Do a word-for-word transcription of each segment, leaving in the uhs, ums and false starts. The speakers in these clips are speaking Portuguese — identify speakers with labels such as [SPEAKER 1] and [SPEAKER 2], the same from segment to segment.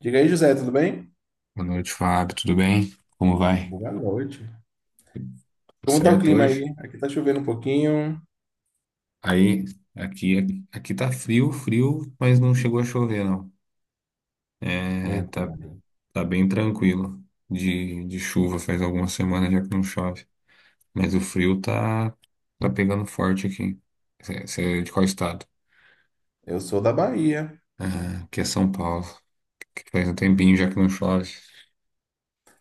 [SPEAKER 1] Diga aí, José, tudo bem?
[SPEAKER 2] Boa noite, Fábio. Tudo bem? Como vai?
[SPEAKER 1] Boa noite.
[SPEAKER 2] Tudo
[SPEAKER 1] Como tá o
[SPEAKER 2] certo
[SPEAKER 1] clima aí?
[SPEAKER 2] hoje?
[SPEAKER 1] Aqui tá chovendo um pouquinho.
[SPEAKER 2] Aí, aqui, aqui tá frio, frio, mas não chegou a chover, não. É,
[SPEAKER 1] Então,
[SPEAKER 2] tá, tá bem tranquilo de, de chuva. Faz algumas semanas já que não chove. Mas o frio tá, tá pegando forte aqui. Você é de qual estado?
[SPEAKER 1] eu sou da Bahia,
[SPEAKER 2] Aqui é São Paulo, que faz um tempinho já que não chove.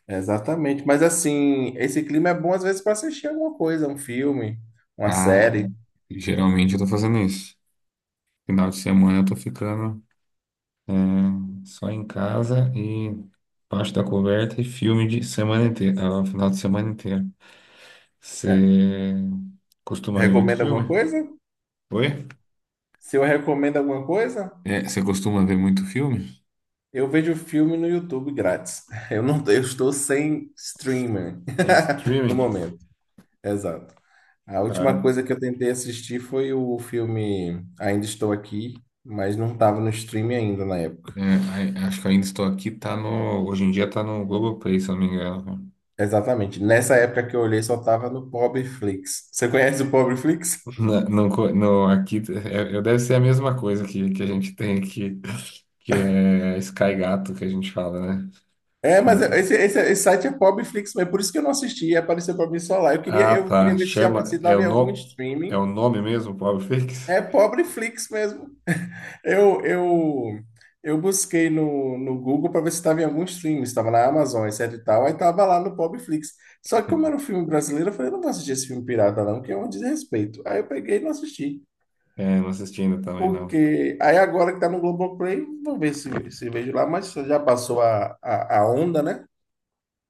[SPEAKER 1] exatamente. Mas assim, esse clima é bom às vezes para assistir alguma coisa, um filme, uma
[SPEAKER 2] Tá,
[SPEAKER 1] série.
[SPEAKER 2] geralmente eu tô fazendo isso. Final de semana eu tô ficando. Hum, Só em casa e embaixo da coberta e filme de semana inteira, ah, final de semana inteira.
[SPEAKER 1] É.
[SPEAKER 2] Você costuma ver muito
[SPEAKER 1] Recomenda alguma
[SPEAKER 2] filme?
[SPEAKER 1] coisa?
[SPEAKER 2] Oi?
[SPEAKER 1] Se eu recomendo alguma coisa,
[SPEAKER 2] É, você costuma ver muito filme?
[SPEAKER 1] eu vejo filme no YouTube grátis. Eu não, eu estou sem streamer
[SPEAKER 2] Tem
[SPEAKER 1] no
[SPEAKER 2] streaming?
[SPEAKER 1] momento. Exato. A última
[SPEAKER 2] Tá.
[SPEAKER 1] coisa que eu tentei assistir foi o filme Ainda Estou Aqui, mas não estava no streaming ainda na época.
[SPEAKER 2] É, ai- acho que ainda estou aqui, tá no. Hoje em dia tá no Globoplay, se eu não me engano, cara.
[SPEAKER 1] Exatamente. Nessa época que eu olhei, só tava no Pobreflix. Você conhece o Pobreflix?
[SPEAKER 2] Na- não co- no, aqui é, é- deve ser a mesma coisa que, que a gente tem aqui, que é Sky Gato que a gente fala, né?
[SPEAKER 1] É, mas esse, esse, esse site é Pobreflix, mas por isso que eu não assisti, apareceu pra mim só lá. Eu queria,
[SPEAKER 2] Ah,
[SPEAKER 1] eu queria
[SPEAKER 2] tá.
[SPEAKER 1] ver se, já- se
[SPEAKER 2] Chama. É o,
[SPEAKER 1] dava em algum
[SPEAKER 2] no... é o
[SPEAKER 1] streaming.
[SPEAKER 2] nome mesmo, Pobre Fix?
[SPEAKER 1] É Pobreflix mesmo. Eu, eu, eu busquei no, no Google para ver se estava em algum streaming, estava na Amazon, etcétera e tal, aí tava lá no Pobreflix. Só que como era um filme brasileiro, eu falei, não vou assistir esse filme pirata não, que é um desrespeito. Aí eu peguei e não assisti.
[SPEAKER 2] É, não assisti ainda também, não.
[SPEAKER 1] Porque aí agora que tá no Globoplay, vou ver se, se vejo lá, mas já passou a, a, a onda, né?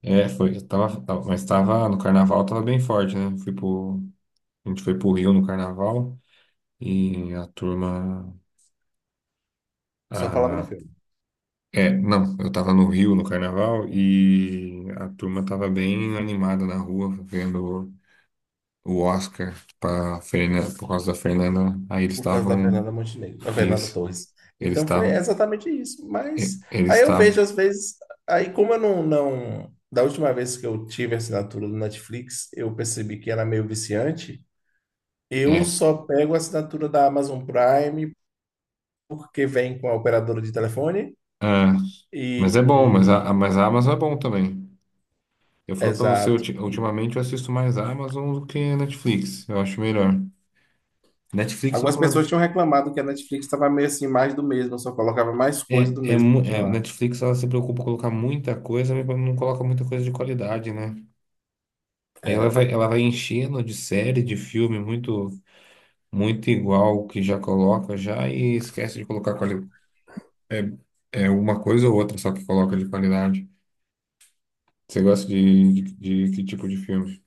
[SPEAKER 2] É, foi. Eu Tava, tava- mas tava no carnaval, tava bem forte, né? Fui pro, a gente foi pro Rio no carnaval e a turma.
[SPEAKER 1] Só falava no
[SPEAKER 2] A,
[SPEAKER 1] filme,
[SPEAKER 2] é, não, eu tava no Rio no carnaval e a turma tava bem animada na rua, vendo o Oscar pra Fernanda, por causa da Fernanda. Aí eles
[SPEAKER 1] por causa da
[SPEAKER 2] estavam.
[SPEAKER 1] Fernanda Montenegro, da Fernanda
[SPEAKER 2] Isso.
[SPEAKER 1] Torres.
[SPEAKER 2] Eles
[SPEAKER 1] Então foi
[SPEAKER 2] estavam.
[SPEAKER 1] exatamente isso.
[SPEAKER 2] e-
[SPEAKER 1] Mas
[SPEAKER 2] Eles
[SPEAKER 1] aí eu vejo
[SPEAKER 2] estavam.
[SPEAKER 1] às vezes, aí como eu não, não, da última vez que eu tive a assinatura do Netflix, eu percebi que era meio viciante. Eu
[SPEAKER 2] É.
[SPEAKER 1] só pego a assinatura da Amazon Prime porque vem com a operadora de telefone
[SPEAKER 2] ah, Mas é bom, mas a, a-
[SPEAKER 1] e, e-
[SPEAKER 2] mas a Amazon é bom também. Eu falo pra você,
[SPEAKER 1] exato.
[SPEAKER 2] ulti- ultimamente eu assisto mais a Amazon do que a Netflix. Eu acho melhor. Netflix, eu vou
[SPEAKER 1] Algumas
[SPEAKER 2] falar.
[SPEAKER 1] pessoas tinham reclamado que a Netflix estava meio assim, mais do mesmo, só colocava mais coisa
[SPEAKER 2] É,
[SPEAKER 1] do
[SPEAKER 2] é,
[SPEAKER 1] mesmo
[SPEAKER 2] mu-
[SPEAKER 1] que
[SPEAKER 2] é,
[SPEAKER 1] tinha lá.
[SPEAKER 2] Netflix, ela se preocupa em colocar muita coisa, mas não coloca muita coisa de qualidade, né? Aí ela
[SPEAKER 1] É.
[SPEAKER 2] vai, ela vai enchendo de série, de filme, muito, muito igual o que já coloca já e esquece de colocar quali é, é uma coisa ou outra só que coloca de qualidade. Você gosta de, de, de que tipo de filme?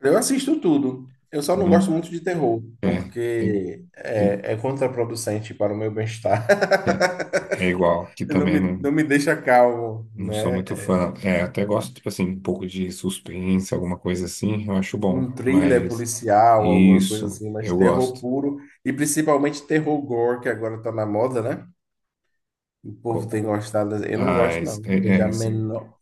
[SPEAKER 1] Eu assisto tudo. Eu só não gosto muito de terror,
[SPEAKER 2] É, é, e-
[SPEAKER 1] porque
[SPEAKER 2] e-
[SPEAKER 1] é, é contraproducente para o meu bem-estar.
[SPEAKER 2] É igual, que
[SPEAKER 1] Não
[SPEAKER 2] também
[SPEAKER 1] me, não
[SPEAKER 2] não,
[SPEAKER 1] me deixa calmo,
[SPEAKER 2] não sou
[SPEAKER 1] né?
[SPEAKER 2] muito
[SPEAKER 1] É,
[SPEAKER 2] fã. É, até gosto, tipo assim, um pouco de suspense, alguma coisa assim, eu acho bom.
[SPEAKER 1] um thriller
[SPEAKER 2] Mas
[SPEAKER 1] policial, alguma coisa
[SPEAKER 2] isso,
[SPEAKER 1] assim, mas
[SPEAKER 2] eu
[SPEAKER 1] terror
[SPEAKER 2] gosto.
[SPEAKER 1] puro, e principalmente terror gore, que agora tá na moda, né? O povo tem
[SPEAKER 2] Co-
[SPEAKER 1] gostado. Eu não gosto,
[SPEAKER 2] Mas,
[SPEAKER 1] não.
[SPEAKER 2] é,
[SPEAKER 1] Não vejo
[SPEAKER 2] é,
[SPEAKER 1] a
[SPEAKER 2] assim,
[SPEAKER 1] menor.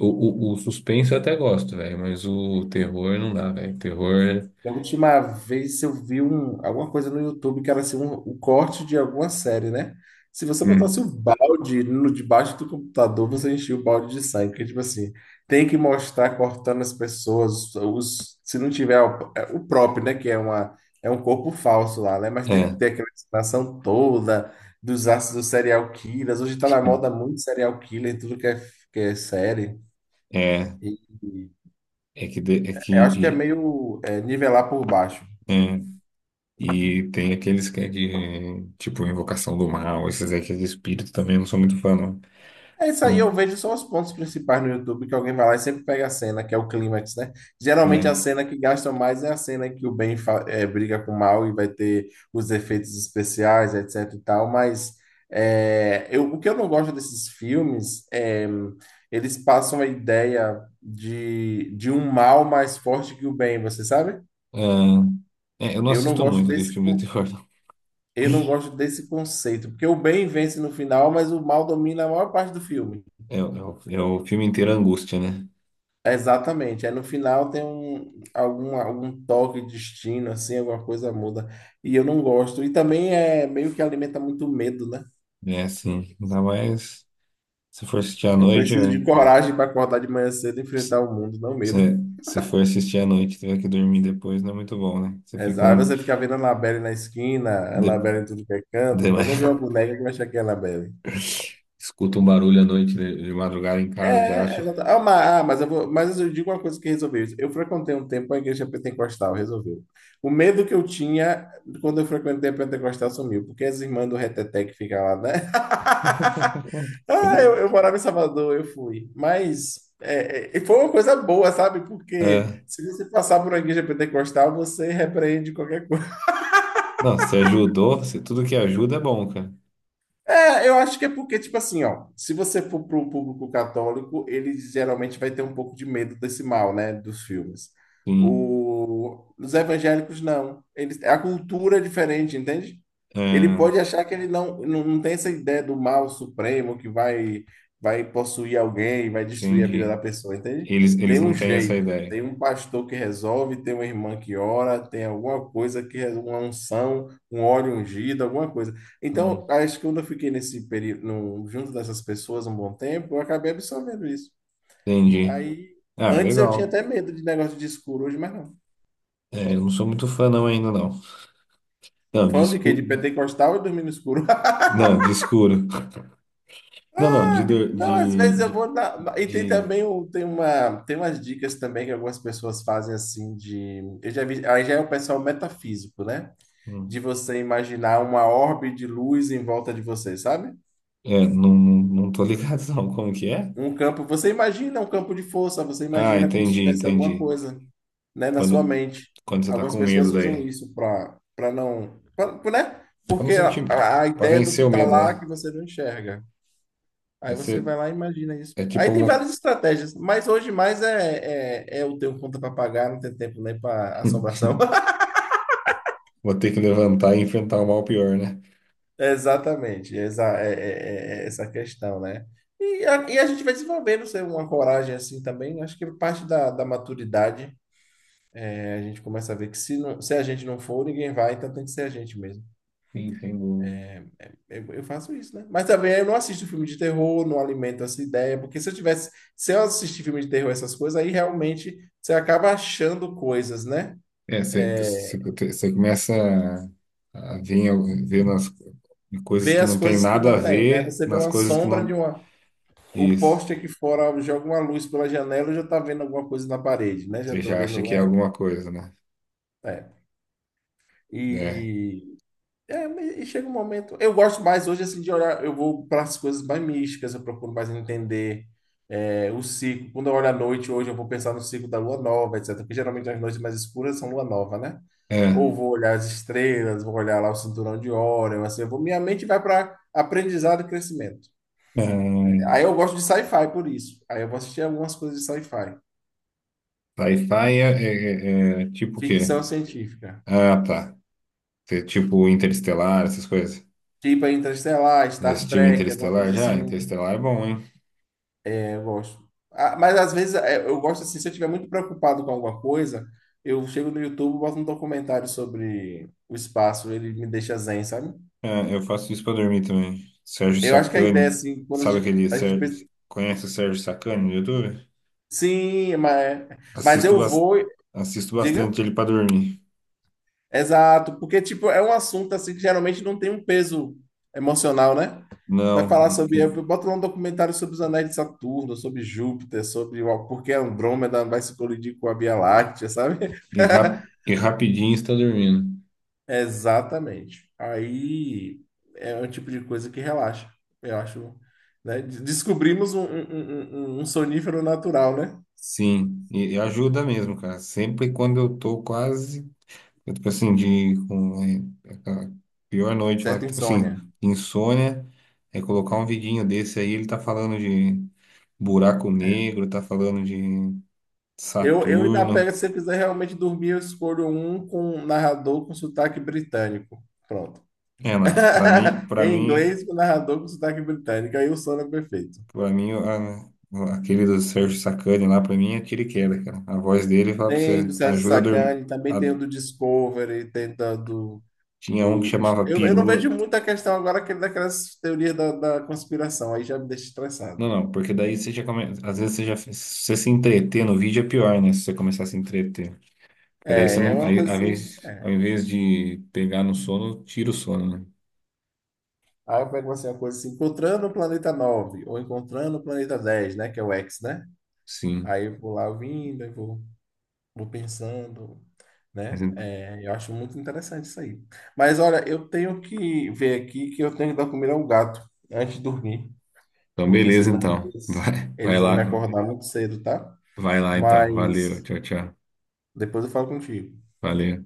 [SPEAKER 2] O, o, o suspense eu até gosto, velho, mas o terror não dá, velho. Terror.
[SPEAKER 1] Da última vez eu vi um, alguma coisa no YouTube que era assim, um, o corte de alguma série, né? Se você botasse o
[SPEAKER 2] hum,
[SPEAKER 1] balde no debaixo do computador, você enchia o balde de sangue. Porque, tipo assim, tem que mostrar cortando as pessoas. Os, se não tiver o, é, o próprio, né? Que é, uma, é um corpo falso lá, né? Mas tem
[SPEAKER 2] é,
[SPEAKER 1] que ter aquela explanação toda dos ácidos dos serial killers. Hoje tá na moda muito serial killer, tudo que é, que é série.
[SPEAKER 2] é,
[SPEAKER 1] E
[SPEAKER 2] é que, de- é
[SPEAKER 1] eu acho que é
[SPEAKER 2] que
[SPEAKER 1] meio é, nivelar por baixo.
[SPEAKER 2] e, e tem aqueles que é de, tipo, Invocação do Mal, esses aí que é de espírito também, eu não sou muito fã, não.
[SPEAKER 1] É isso aí, eu
[SPEAKER 2] Não,
[SPEAKER 1] vejo só os pontos principais no YouTube que alguém vai lá e sempre pega a cena, que é o clímax, né? Geralmente
[SPEAKER 2] é.
[SPEAKER 1] a cena que gasta mais é a cena que o bem fa- eh, briga com o mal e vai ter os efeitos especiais, etcétera e tal, mas eh, eu, o que eu não gosto desses filmes é eles passam a ideia de, de um mal mais forte que o bem, você sabe?
[SPEAKER 2] Ah, é, eu não
[SPEAKER 1] Eu não
[SPEAKER 2] assisto
[SPEAKER 1] gosto
[SPEAKER 2] muito de
[SPEAKER 1] desse,
[SPEAKER 2] filme de
[SPEAKER 1] con-
[SPEAKER 2] terror, não.
[SPEAKER 1] eu não gosto desse conceito, porque o bem vence no final, mas o mal domina a maior parte do filme.
[SPEAKER 2] É, é o- é o filme inteiro é angústia, né?
[SPEAKER 1] Exatamente. Aí no final tem um, algum, algum toque de destino, assim, alguma coisa muda. E eu não gosto. E também é meio que alimenta muito medo, né?
[SPEAKER 2] É assim, ainda mais se for assistir à
[SPEAKER 1] Eu
[SPEAKER 2] noite,
[SPEAKER 1] preciso
[SPEAKER 2] é,
[SPEAKER 1] de coragem para acordar de manhã cedo e
[SPEAKER 2] se,
[SPEAKER 1] enfrentar o mundo, não medo.
[SPEAKER 2] se se for assistir à noite e tiver que dormir depois, não é muito bom, né? Você fica
[SPEAKER 1] Exa- Aí
[SPEAKER 2] um...
[SPEAKER 1] você fica vendo a Annabelle na esquina, a
[SPEAKER 2] De,
[SPEAKER 1] Annabelle em tudo que é canto, não pode nem ver
[SPEAKER 2] de-
[SPEAKER 1] uma boneca que vai achar que é a Annabelle.
[SPEAKER 2] escuta um barulho à noite de, de madrugada em casa, já
[SPEAKER 1] É,
[SPEAKER 2] acha.
[SPEAKER 1] exato. Ah, mas, ah, mas eu vou- mas eu digo uma coisa que resolveu isso. Eu frequentei um tempo a igreja pentecostal, resolveu. O medo que eu tinha quando eu frequentei a pentecostal sumiu, porque as irmãs do Reteté que ficam lá, né? Ah, eu, eu morava em Salvador, eu fui. Mas é, é, foi uma coisa boa, sabe? Porque
[SPEAKER 2] Ah,
[SPEAKER 1] se você passar por uma igreja pentecostal, você repreende qualquer coisa.
[SPEAKER 2] não, se ajudou, se tudo que ajuda é bom, cara.
[SPEAKER 1] É, eu acho que é porque, tipo assim, ó, se você for para o público católico, ele geralmente vai ter um pouco de medo desse mal, né, dos filmes.
[SPEAKER 2] Sim,
[SPEAKER 1] O, os evangélicos não. Eles, a cultura é diferente, entende? Ele
[SPEAKER 2] ah,
[SPEAKER 1] pode achar que ele não, não, não tem essa ideia do mal supremo que vai, vai possuir alguém, vai destruir a vida da
[SPEAKER 2] entendi.
[SPEAKER 1] pessoa, entende?
[SPEAKER 2] Eles,
[SPEAKER 1] Tem
[SPEAKER 2] eles
[SPEAKER 1] um
[SPEAKER 2] não têm essa
[SPEAKER 1] jeito,
[SPEAKER 2] ideia.
[SPEAKER 1] tem um pastor que resolve, tem uma irmã que ora, tem alguma coisa que é uma unção, um óleo ungido, alguma coisa.
[SPEAKER 2] Hum,
[SPEAKER 1] Então, acho que quando eu fiquei nesse período, no- junto dessas pessoas um bom tempo, eu acabei absorvendo isso.
[SPEAKER 2] entendi.
[SPEAKER 1] Aí,
[SPEAKER 2] Ah,
[SPEAKER 1] antes eu tinha
[SPEAKER 2] legal.
[SPEAKER 1] até medo de negócio de escuro, hoje mais não.
[SPEAKER 2] É, eu não sou muito fã não ainda, não. Não, de
[SPEAKER 1] Fã de quê? De
[SPEAKER 2] escuro.
[SPEAKER 1] pentecostal e dormir no escuro.
[SPEAKER 2] Não, de escuro. Não, não, de... dor-
[SPEAKER 1] Não, às
[SPEAKER 2] De...
[SPEAKER 1] vezes eu vou
[SPEAKER 2] de,
[SPEAKER 1] na... na- E tem também
[SPEAKER 2] de...
[SPEAKER 1] o- tem uma, tem umas dicas também que algumas pessoas fazem assim de... Eu já vi... Aí já é o pessoal metafísico, né? De
[SPEAKER 2] hum.
[SPEAKER 1] você imaginar uma orbe de luz em volta de você, sabe?
[SPEAKER 2] É, não, não não tô ligado não. Como que é?
[SPEAKER 1] Um campo, você imagina um campo de força, você
[SPEAKER 2] Ah,
[SPEAKER 1] imagina como se
[SPEAKER 2] entendi,
[SPEAKER 1] tivesse alguma
[SPEAKER 2] entendi.
[SPEAKER 1] coisa, né, na sua
[SPEAKER 2] Quando,
[SPEAKER 1] mente.
[SPEAKER 2] quando você tá
[SPEAKER 1] Algumas
[SPEAKER 2] com medo
[SPEAKER 1] pessoas usam
[SPEAKER 2] daí.
[SPEAKER 1] isso para para não, pra, né?
[SPEAKER 2] Pra não
[SPEAKER 1] Porque
[SPEAKER 2] sentir...
[SPEAKER 1] a, a
[SPEAKER 2] Pra
[SPEAKER 1] ideia do que
[SPEAKER 2] vencer o
[SPEAKER 1] está
[SPEAKER 2] medo,
[SPEAKER 1] lá
[SPEAKER 2] né?
[SPEAKER 1] que você não enxerga.
[SPEAKER 2] Aí
[SPEAKER 1] Aí você
[SPEAKER 2] você...
[SPEAKER 1] vai lá e imagina isso.
[SPEAKER 2] É
[SPEAKER 1] Aí
[SPEAKER 2] tipo
[SPEAKER 1] tem
[SPEAKER 2] uma...
[SPEAKER 1] várias estratégias, mas hoje mais é, é, é eu tenho conta para pagar, não tem tempo nem para assombração.
[SPEAKER 2] Vou ter que levantar e enfrentar o mal pior, né?
[SPEAKER 1] Exatamente, exa é, é- é- é essa questão, né? E a, e a gente vai desenvolvendo sei, uma coragem assim também, acho que parte da, da maturidade. A gente começa a ver que se, não- se a gente não for, ninguém vai, então tem que ser a gente mesmo.
[SPEAKER 2] Sim, sem dúvida.
[SPEAKER 1] Eu, eu faço isso, né? Mas também eu não assisto filme de terror, não alimento essa ideia, porque se eu tivesse, se eu assistir filme de terror, essas coisas, aí realmente você acaba achando coisas, né?
[SPEAKER 2] É, você, você você começa a, a ver, ver nas coisas
[SPEAKER 1] Vê
[SPEAKER 2] que
[SPEAKER 1] as
[SPEAKER 2] não tem
[SPEAKER 1] coisas que
[SPEAKER 2] nada a
[SPEAKER 1] não tem, né?
[SPEAKER 2] ver,
[SPEAKER 1] Você vê
[SPEAKER 2] nas
[SPEAKER 1] uma
[SPEAKER 2] coisas que
[SPEAKER 1] sombra de
[SPEAKER 2] não.
[SPEAKER 1] uma. O
[SPEAKER 2] Isso.
[SPEAKER 1] poste aqui fora joga uma luz pela janela, eu já tá vendo alguma coisa na parede, né? Já
[SPEAKER 2] Você
[SPEAKER 1] tô
[SPEAKER 2] já acha
[SPEAKER 1] vendo.
[SPEAKER 2] que é
[SPEAKER 1] É,
[SPEAKER 2] alguma coisa, né?
[SPEAKER 1] é.
[SPEAKER 2] É.
[SPEAKER 1] E É, mas- e chega um momento. Eu gosto mais hoje assim de olhar. Eu vou para as coisas mais místicas, eu procuro mais entender é, o ciclo. Quando eu olho à noite, hoje eu vou pensar no ciclo da lua nova, etcétera. Porque geralmente as noites mais escuras são lua nova, né?
[SPEAKER 2] É.
[SPEAKER 1] Ou vou olhar as estrelas, vou olhar lá o cinturão de Órion, assim, eu vou, minha mente vai para aprendizado e crescimento. Aí eu gosto de sci-fi por isso. Aí eu vou assistir algumas coisas de sci-fi,
[SPEAKER 2] Ah, Sci-fi é, é- é- é tipo o quê?
[SPEAKER 1] ficção científica,
[SPEAKER 2] Ah, tá. Você- Tipo Interestelar, essas coisas.
[SPEAKER 1] tipo Interestelar,
[SPEAKER 2] Já
[SPEAKER 1] Star
[SPEAKER 2] assistiu
[SPEAKER 1] Trek, alguma
[SPEAKER 2] Interestelar?
[SPEAKER 1] coisa
[SPEAKER 2] Já?
[SPEAKER 1] assim.
[SPEAKER 2] Interestelar é bom, hein?
[SPEAKER 1] Eu gosto. Ah, mas às vezes é, eu gosto assim, se eu estiver muito preocupado com alguma coisa, eu chego no YouTube, boto um documentário sobre o espaço, ele me deixa zen, sabe?
[SPEAKER 2] Ah, eu faço isso pra dormir também. Sérgio
[SPEAKER 1] Eu acho que a ideia,
[SPEAKER 2] Sacani.
[SPEAKER 1] assim, quando a
[SPEAKER 2] Sabe
[SPEAKER 1] gente,
[SPEAKER 2] aquele
[SPEAKER 1] a gente
[SPEAKER 2] Sérgio...
[SPEAKER 1] pensa,
[SPEAKER 2] Conhece o Sérgio Sacani no YouTube?
[SPEAKER 1] sim, mas, mas
[SPEAKER 2] Assisto,
[SPEAKER 1] eu
[SPEAKER 2] bas-
[SPEAKER 1] vou,
[SPEAKER 2] assisto
[SPEAKER 1] diga,
[SPEAKER 2] bastante ele para dormir.
[SPEAKER 1] exato, porque, tipo, é um assunto, assim, que geralmente não tem um peso emocional, né? Vai
[SPEAKER 2] Não,
[SPEAKER 1] falar
[SPEAKER 2] e,
[SPEAKER 1] sobre,
[SPEAKER 2] e,
[SPEAKER 1] eu boto lá um documentário sobre os anéis de Saturno, sobre Júpiter, sobre o- por que Andrômeda vai se colidir com a Via Láctea, sabe?
[SPEAKER 2] e rap- e rapidinho está dormindo.
[SPEAKER 1] Exatamente. Aí é um tipo de coisa que relaxa. Eu acho, né? De- Descobrimos um, um, um- um um sonífero natural, né?
[SPEAKER 2] Sim, e, e ajuda mesmo, cara. Sempre quando eu tô quase, eu, tipo assim, de com é, aquela pior noite lá,
[SPEAKER 1] Certa
[SPEAKER 2] tipo assim,
[SPEAKER 1] insônia.
[SPEAKER 2] insônia, é colocar um vidinho desse aí, ele tá falando de buraco
[SPEAKER 1] É.
[SPEAKER 2] negro, tá falando de
[SPEAKER 1] Eu, eu ainda
[SPEAKER 2] Saturno.
[SPEAKER 1] pego, se você quiser realmente dormir, eu escolho um com um narrador com sotaque britânico. Pronto.
[SPEAKER 2] É, lá, pra mim, para
[SPEAKER 1] Em
[SPEAKER 2] mim
[SPEAKER 1] inglês, com narrador com sotaque britânico. Aí o sono é perfeito.
[SPEAKER 2] Pra mim, a- aquele do Sérgio Sacani lá, pra mim, é tiro e queda, cara. A voz dele fala pra
[SPEAKER 1] Tem do
[SPEAKER 2] você,
[SPEAKER 1] Sérgio
[SPEAKER 2] ajuda a dormir.
[SPEAKER 1] Sacani, também
[SPEAKER 2] A-
[SPEAKER 1] tem o do Discovery, tem da- do
[SPEAKER 2] tinha um que
[SPEAKER 1] Do...
[SPEAKER 2] chamava
[SPEAKER 1] Eu, eu não
[SPEAKER 2] Pirula.
[SPEAKER 1] vejo muita questão agora que- daquelas teorias da, da conspiração, aí já me deixa
[SPEAKER 2] Não,
[SPEAKER 1] estressado.
[SPEAKER 2] não, porque daí você já começa. Às vezes você já. Se você se entreter no vídeo é pior, né? Se você começar a se entreter. Porque daí você
[SPEAKER 1] É, é
[SPEAKER 2] não.
[SPEAKER 1] uma
[SPEAKER 2] Aí,
[SPEAKER 1] coisa
[SPEAKER 2] ao
[SPEAKER 1] assim.
[SPEAKER 2] invés,
[SPEAKER 1] É.
[SPEAKER 2] ao invés de pegar no sono, tira o sono, né?
[SPEAKER 1] Aí eu pego assim, uma coisa assim, encontrando o planeta nove ou encontrando o planeta dez, né? Que é o xis, né?
[SPEAKER 2] Sim.
[SPEAKER 1] Aí eu vou lá ouvindo, eu vou, vou pensando, né?
[SPEAKER 2] Mas en-
[SPEAKER 1] É, eu acho muito interessante isso aí. Mas olha, eu tenho que ver aqui que eu tenho que dar comida ao gato antes de dormir,
[SPEAKER 2] então,
[SPEAKER 1] porque
[SPEAKER 2] beleza,
[SPEAKER 1] senão
[SPEAKER 2] então.
[SPEAKER 1] eles,
[SPEAKER 2] Vai, vai
[SPEAKER 1] eles vão
[SPEAKER 2] lá.
[SPEAKER 1] me acordar muito cedo, tá?
[SPEAKER 2] Vai lá, então. Valeu.
[SPEAKER 1] Mas
[SPEAKER 2] Tchau, tchau.
[SPEAKER 1] depois eu falo contigo.
[SPEAKER 2] Valeu.